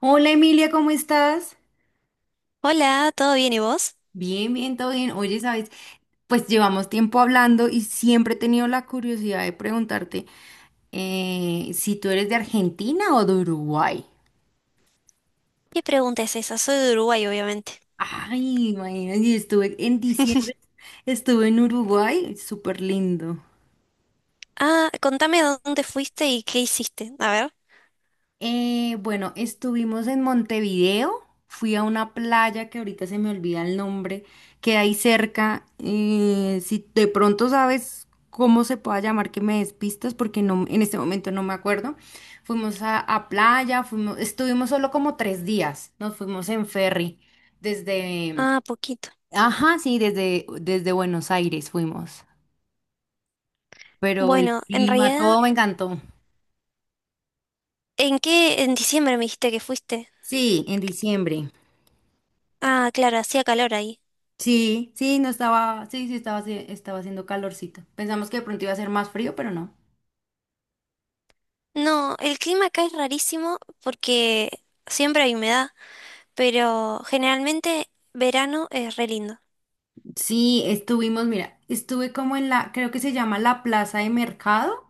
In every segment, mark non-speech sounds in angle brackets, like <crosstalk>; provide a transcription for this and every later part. Hola Emilia, ¿cómo estás? Hola, ¿todo bien y vos? Bien, bien, todo bien. Oye, ¿sabes? Pues llevamos tiempo hablando y siempre he tenido la curiosidad de preguntarte si tú eres de Argentina o de Uruguay. ¿Qué pregunta es esa? Soy de Uruguay, obviamente. Ay, imagínate, yo estuve en diciembre, <laughs> estuve en Uruguay, súper lindo. Ah, contame dónde fuiste y qué hiciste. A ver. Bueno, estuvimos en Montevideo, fui a una playa que ahorita se me olvida el nombre, que hay cerca. Si de pronto sabes cómo se pueda llamar, que me despistas, porque no, en este momento no me acuerdo. Fuimos a playa, fuimos, estuvimos solo como 3 días, nos fuimos en ferry, desde, Ah, poquito. ajá, sí, desde Buenos Aires fuimos, pero el Bueno, en clima, realidad, todo me encantó. ¿en qué en diciembre me dijiste que fuiste? Sí, en diciembre. Ah, claro, hacía calor ahí. Sí, sí, no estaba, sí, sí estaba, estaba haciendo calorcito. Pensamos que de pronto iba a ser más frío, pero no. No, el clima acá es rarísimo porque siempre hay humedad, pero generalmente verano es re lindo. Sí, estuvimos, mira, estuve como en la, creo que se llama la plaza de mercado.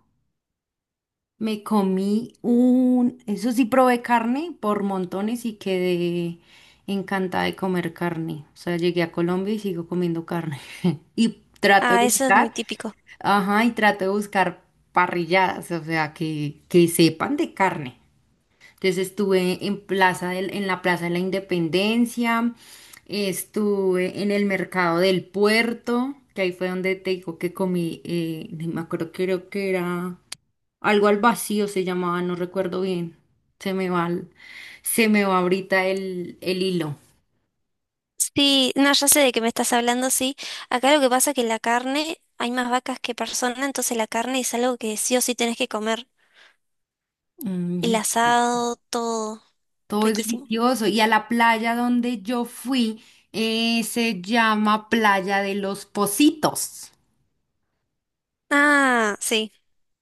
Me eso sí probé carne por montones y quedé encantada de comer carne. O sea, llegué a Colombia y sigo comiendo carne. <laughs> Y trato de Ah, eso es muy buscar, típico. ajá, y trato de buscar parrilladas, o sea, que sepan de carne. Entonces estuve en en la Plaza de la Independencia, estuve en el mercado del puerto, que ahí fue donde te digo que comí, ni me acuerdo, creo que era algo al vacío se llamaba, no recuerdo bien. Se me va, se me va ahorita el hilo. Sí, no, ya sé de qué me estás hablando, sí. Acá lo que pasa es que la carne, hay más vacas que personas, entonces la carne es algo que sí o sí tenés que comer. Mm, El asado, todo, todo es riquísimo. delicioso. Y a la playa donde yo fui, se llama Playa de los Positos. Ah, sí,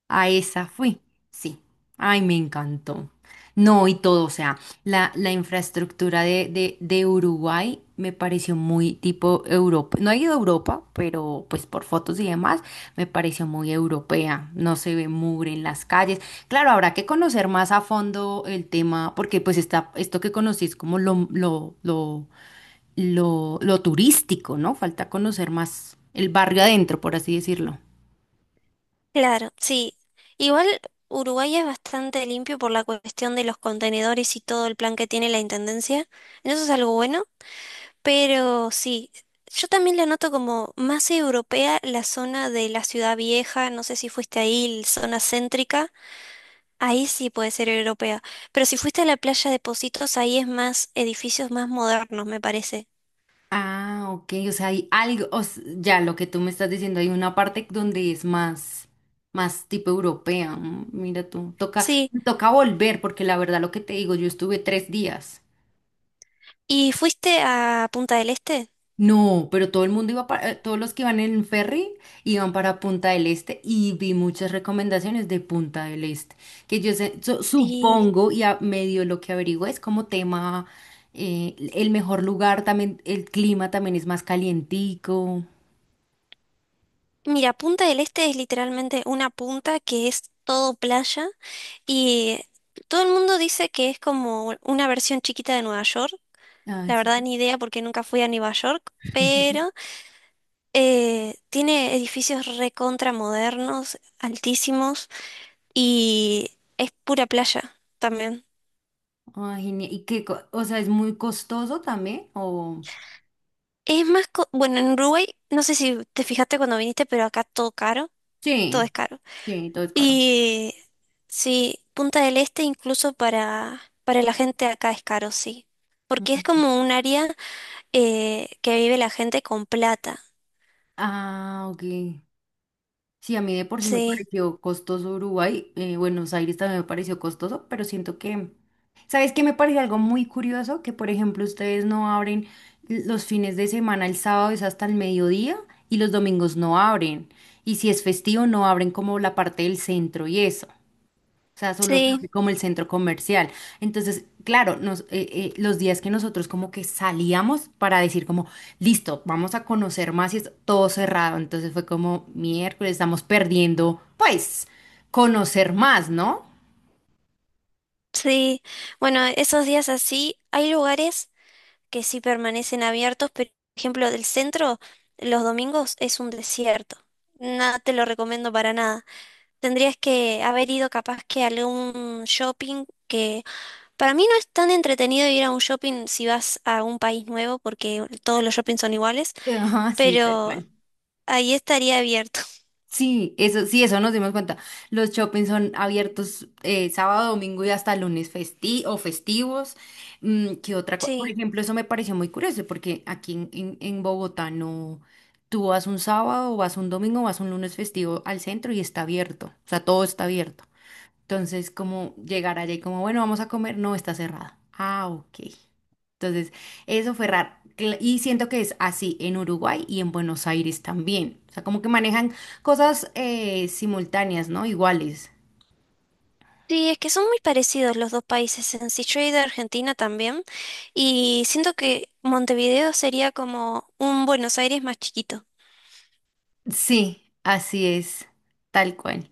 A esa fui, sí. Ay, me encantó. No, y todo, o sea, la infraestructura de Uruguay me pareció muy tipo Europa. No he ido a Europa, pero pues por fotos y demás, me pareció muy europea. No se ve mugre en las calles. Claro, habrá que conocer más a fondo el tema, porque pues está, esto que conocí es como lo turístico, ¿no? Falta conocer más el barrio adentro, por así decirlo. claro, sí. Igual Uruguay es bastante limpio por la cuestión de los contenedores y todo el plan que tiene la intendencia. Eso es algo bueno, pero sí, yo también la noto como más europea la zona de la ciudad vieja, no sé si fuiste ahí, la zona céntrica. Ahí sí puede ser europea. Pero si fuiste a la playa de Positos, ahí es más edificios más modernos, me parece. Ah, ok, o sea, hay algo, ya lo que tú me estás diciendo, hay una parte donde es más, más tipo europea. Mira tú, Sí. me toca volver, porque la verdad lo que te digo, yo estuve 3 días. ¿Y fuiste a Punta del Este? No, pero todo el mundo todos los que iban en ferry iban para Punta del Este y vi muchas recomendaciones de Punta del Este, que Sí. supongo y a medio lo que averiguo es como tema, el mejor lugar también, el clima también es más calientico. Mira, Punta del Este es literalmente una punta que es todo playa y todo el mundo dice que es como una versión chiquita de Nueva York. Ah, La verdad, sí. ni idea porque nunca fui a Nueva York, pero tiene edificios recontra modernos, altísimos y es pura playa también. Ah, genial. ¿Y qué? O sea, ¿es muy costoso también? ¿O... Es más, co- bueno, en Uruguay, no sé si te fijaste cuando viniste, pero acá todo caro, todo Sí, es caro. sí, todo es caro. Y sí, Punta del Este incluso para la gente acá es caro, sí. Porque es Ujú. como un área que vive la gente con plata. Ah, ok. Sí, a mí de por sí me Sí, pareció costoso Uruguay. Buenos Aires también me pareció costoso, pero siento que... ¿Sabes qué me parece algo muy curioso? Que, por ejemplo, ustedes no abren los fines de semana, el sábado es hasta el mediodía y los domingos no abren. Y si es festivo, no abren como la parte del centro y eso. O sea, solo se abre sí, como el centro comercial. Entonces, claro, los días que nosotros como que salíamos para decir como, listo, vamos a conocer más y es todo cerrado. Entonces fue como, miércoles, estamos perdiendo, pues, conocer más, ¿no? sí. Bueno, esos días así, hay lugares que sí permanecen abiertos, pero por ejemplo, del centro, los domingos es un desierto. Nada te lo recomiendo para nada. Tendrías que haber ido capaz que a algún shopping que para mí no es tan entretenido ir a un shopping si vas a un país nuevo porque todos los shoppings son iguales, <laughs> Ajá, sí, tal pero cual. ahí estaría abierto. <laughs> Sí, eso nos dimos cuenta. Los shoppings son abiertos sábado, domingo y hasta lunes festi o festivos. Mm, ¿qué otra cosa? Por Sí. ejemplo, eso me pareció muy curioso porque aquí en Bogotá no, tú vas un sábado, vas un domingo, vas un lunes festivo al centro y está abierto. O sea, todo está abierto. Entonces, como llegar allá y como, bueno, vamos a comer, no está cerrada. Ah, ok. Entonces, eso fue raro. Y siento que es así en Uruguay y en Buenos Aires también. O sea, como que manejan cosas simultáneas, ¿no? Iguales. Sí, es que son muy parecidos los dos países en sí. Yo he ido a Argentina también y siento que Montevideo sería como un Buenos Aires más chiquito. Sí, así es, tal cual.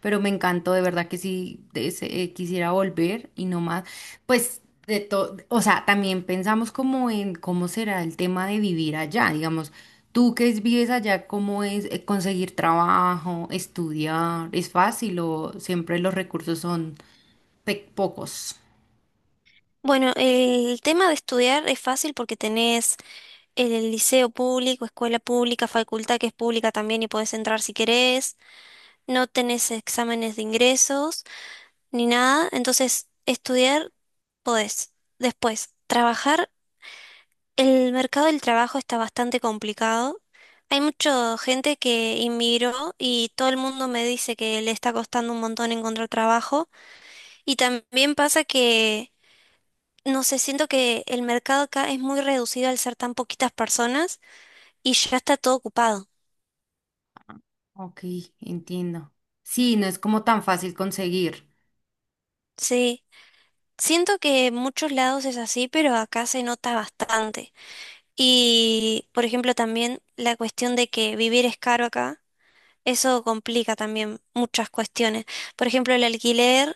Pero me encantó, de verdad que sí quisiera volver y no más. Pues de todo, o sea, también pensamos como en cómo será el tema de vivir allá, digamos, tú vives allá, ¿cómo es conseguir trabajo, estudiar? ¿Es fácil o siempre los recursos son pocos? Bueno, el tema de estudiar es fácil porque tenés el liceo público, escuela pública, facultad que es pública también y podés entrar si querés. No tenés exámenes de ingresos ni nada. Entonces, estudiar podés. Después, trabajar. El mercado del trabajo está bastante complicado. Hay mucha gente que inmigró y todo el mundo me dice que le está costando un montón encontrar trabajo. Y también pasa que, no sé, siento que el mercado acá es muy reducido al ser tan poquitas personas y ya está todo ocupado. Ok, entiendo. Sí, no es como tan fácil conseguir. Sí, siento que en muchos lados es así, pero acá se nota bastante. Y, por ejemplo, también la cuestión de que vivir es caro acá, eso complica también muchas cuestiones. Por ejemplo, el alquiler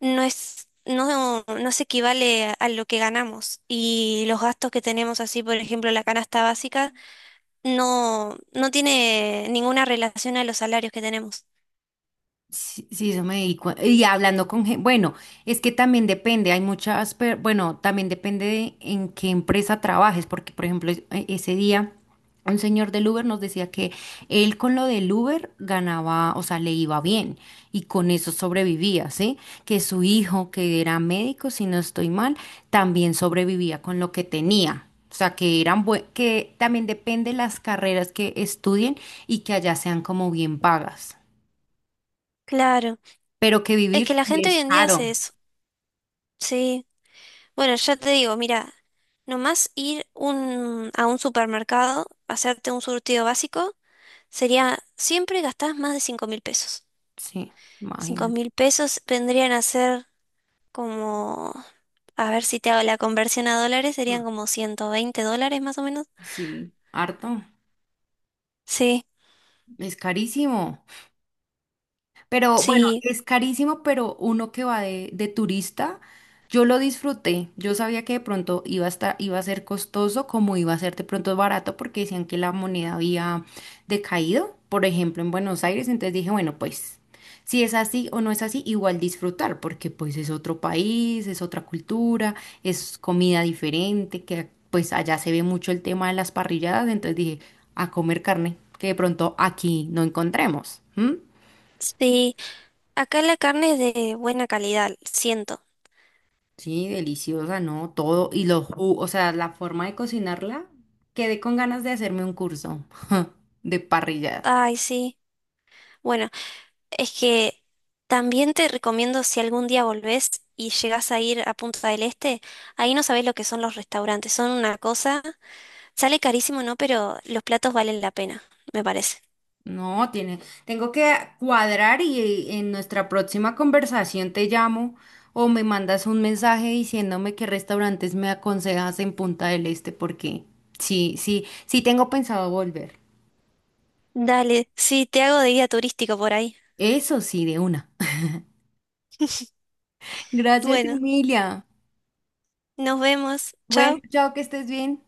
no es, no, no se equivale a lo que ganamos. Y los gastos que tenemos así, por ejemplo, la canasta básica, no, no tiene ninguna relación a los salarios que tenemos. Sí, sí, eso me di cuen- y hablando con gente, bueno, es que también depende, hay muchas, bueno, también depende de en qué empresa trabajes, porque por ejemplo, ese día un señor del Uber nos decía que él con lo del Uber ganaba, o sea, le iba bien y con eso sobrevivía, ¿sí? Que su hijo, que era médico, si no estoy mal, también sobrevivía con lo que tenía. O sea, que eran que también depende las carreras que estudien y que allá sean como bien pagas Claro, pero que es que vivir la sí gente hoy es en día hace caro. eso. Sí. Bueno, ya te digo, mira, nomás ir un, a un supermercado, hacerte un surtido básico, sería, siempre gastás más de 5.000 pesos. Sí, Cinco imagínate. mil pesos vendrían a ser como, a ver si te hago la conversión a dólares, Mm. serían como 120 dólares más o menos. Sí, harto, Sí, es carísimo. Pero bueno, sí, es carísimo, pero uno que va de turista, yo lo disfruté. Yo sabía que de pronto iba a estar, iba a ser costoso, como iba a ser de pronto barato, porque decían que la moneda había decaído, por ejemplo, en Buenos Aires. Entonces dije, bueno, pues si es así o no es así, igual disfrutar, porque pues es otro país, es otra cultura, es comida diferente, que pues allá se ve mucho el tema de las parrilladas. Entonces dije, a comer carne, que de pronto aquí no encontremos. ¿M? sí. Acá la carne es de buena calidad, siento. Sí, deliciosa, ¿no? Todo. Y los jugos, o sea, la forma de cocinarla, quedé con ganas de hacerme un curso <laughs> de parrillada. Ay, sí. Bueno, es que también te recomiendo si algún día volvés y llegás a ir a Punta del Este, ahí no sabés lo que son los restaurantes, son una cosa, sale carísimo, ¿no? Pero los platos valen la pena, me parece. No, tiene, tengo que cuadrar y en nuestra próxima conversación te llamo o me mandas un mensaje diciéndome qué restaurantes me aconsejas en Punta del Este, porque sí, sí, sí tengo pensado volver. Dale, sí, te hago de guía turístico por ahí. Eso sí, de una. <laughs> Gracias, Bueno, Emilia. nos vemos, Bueno, chao. chao, que estés bien.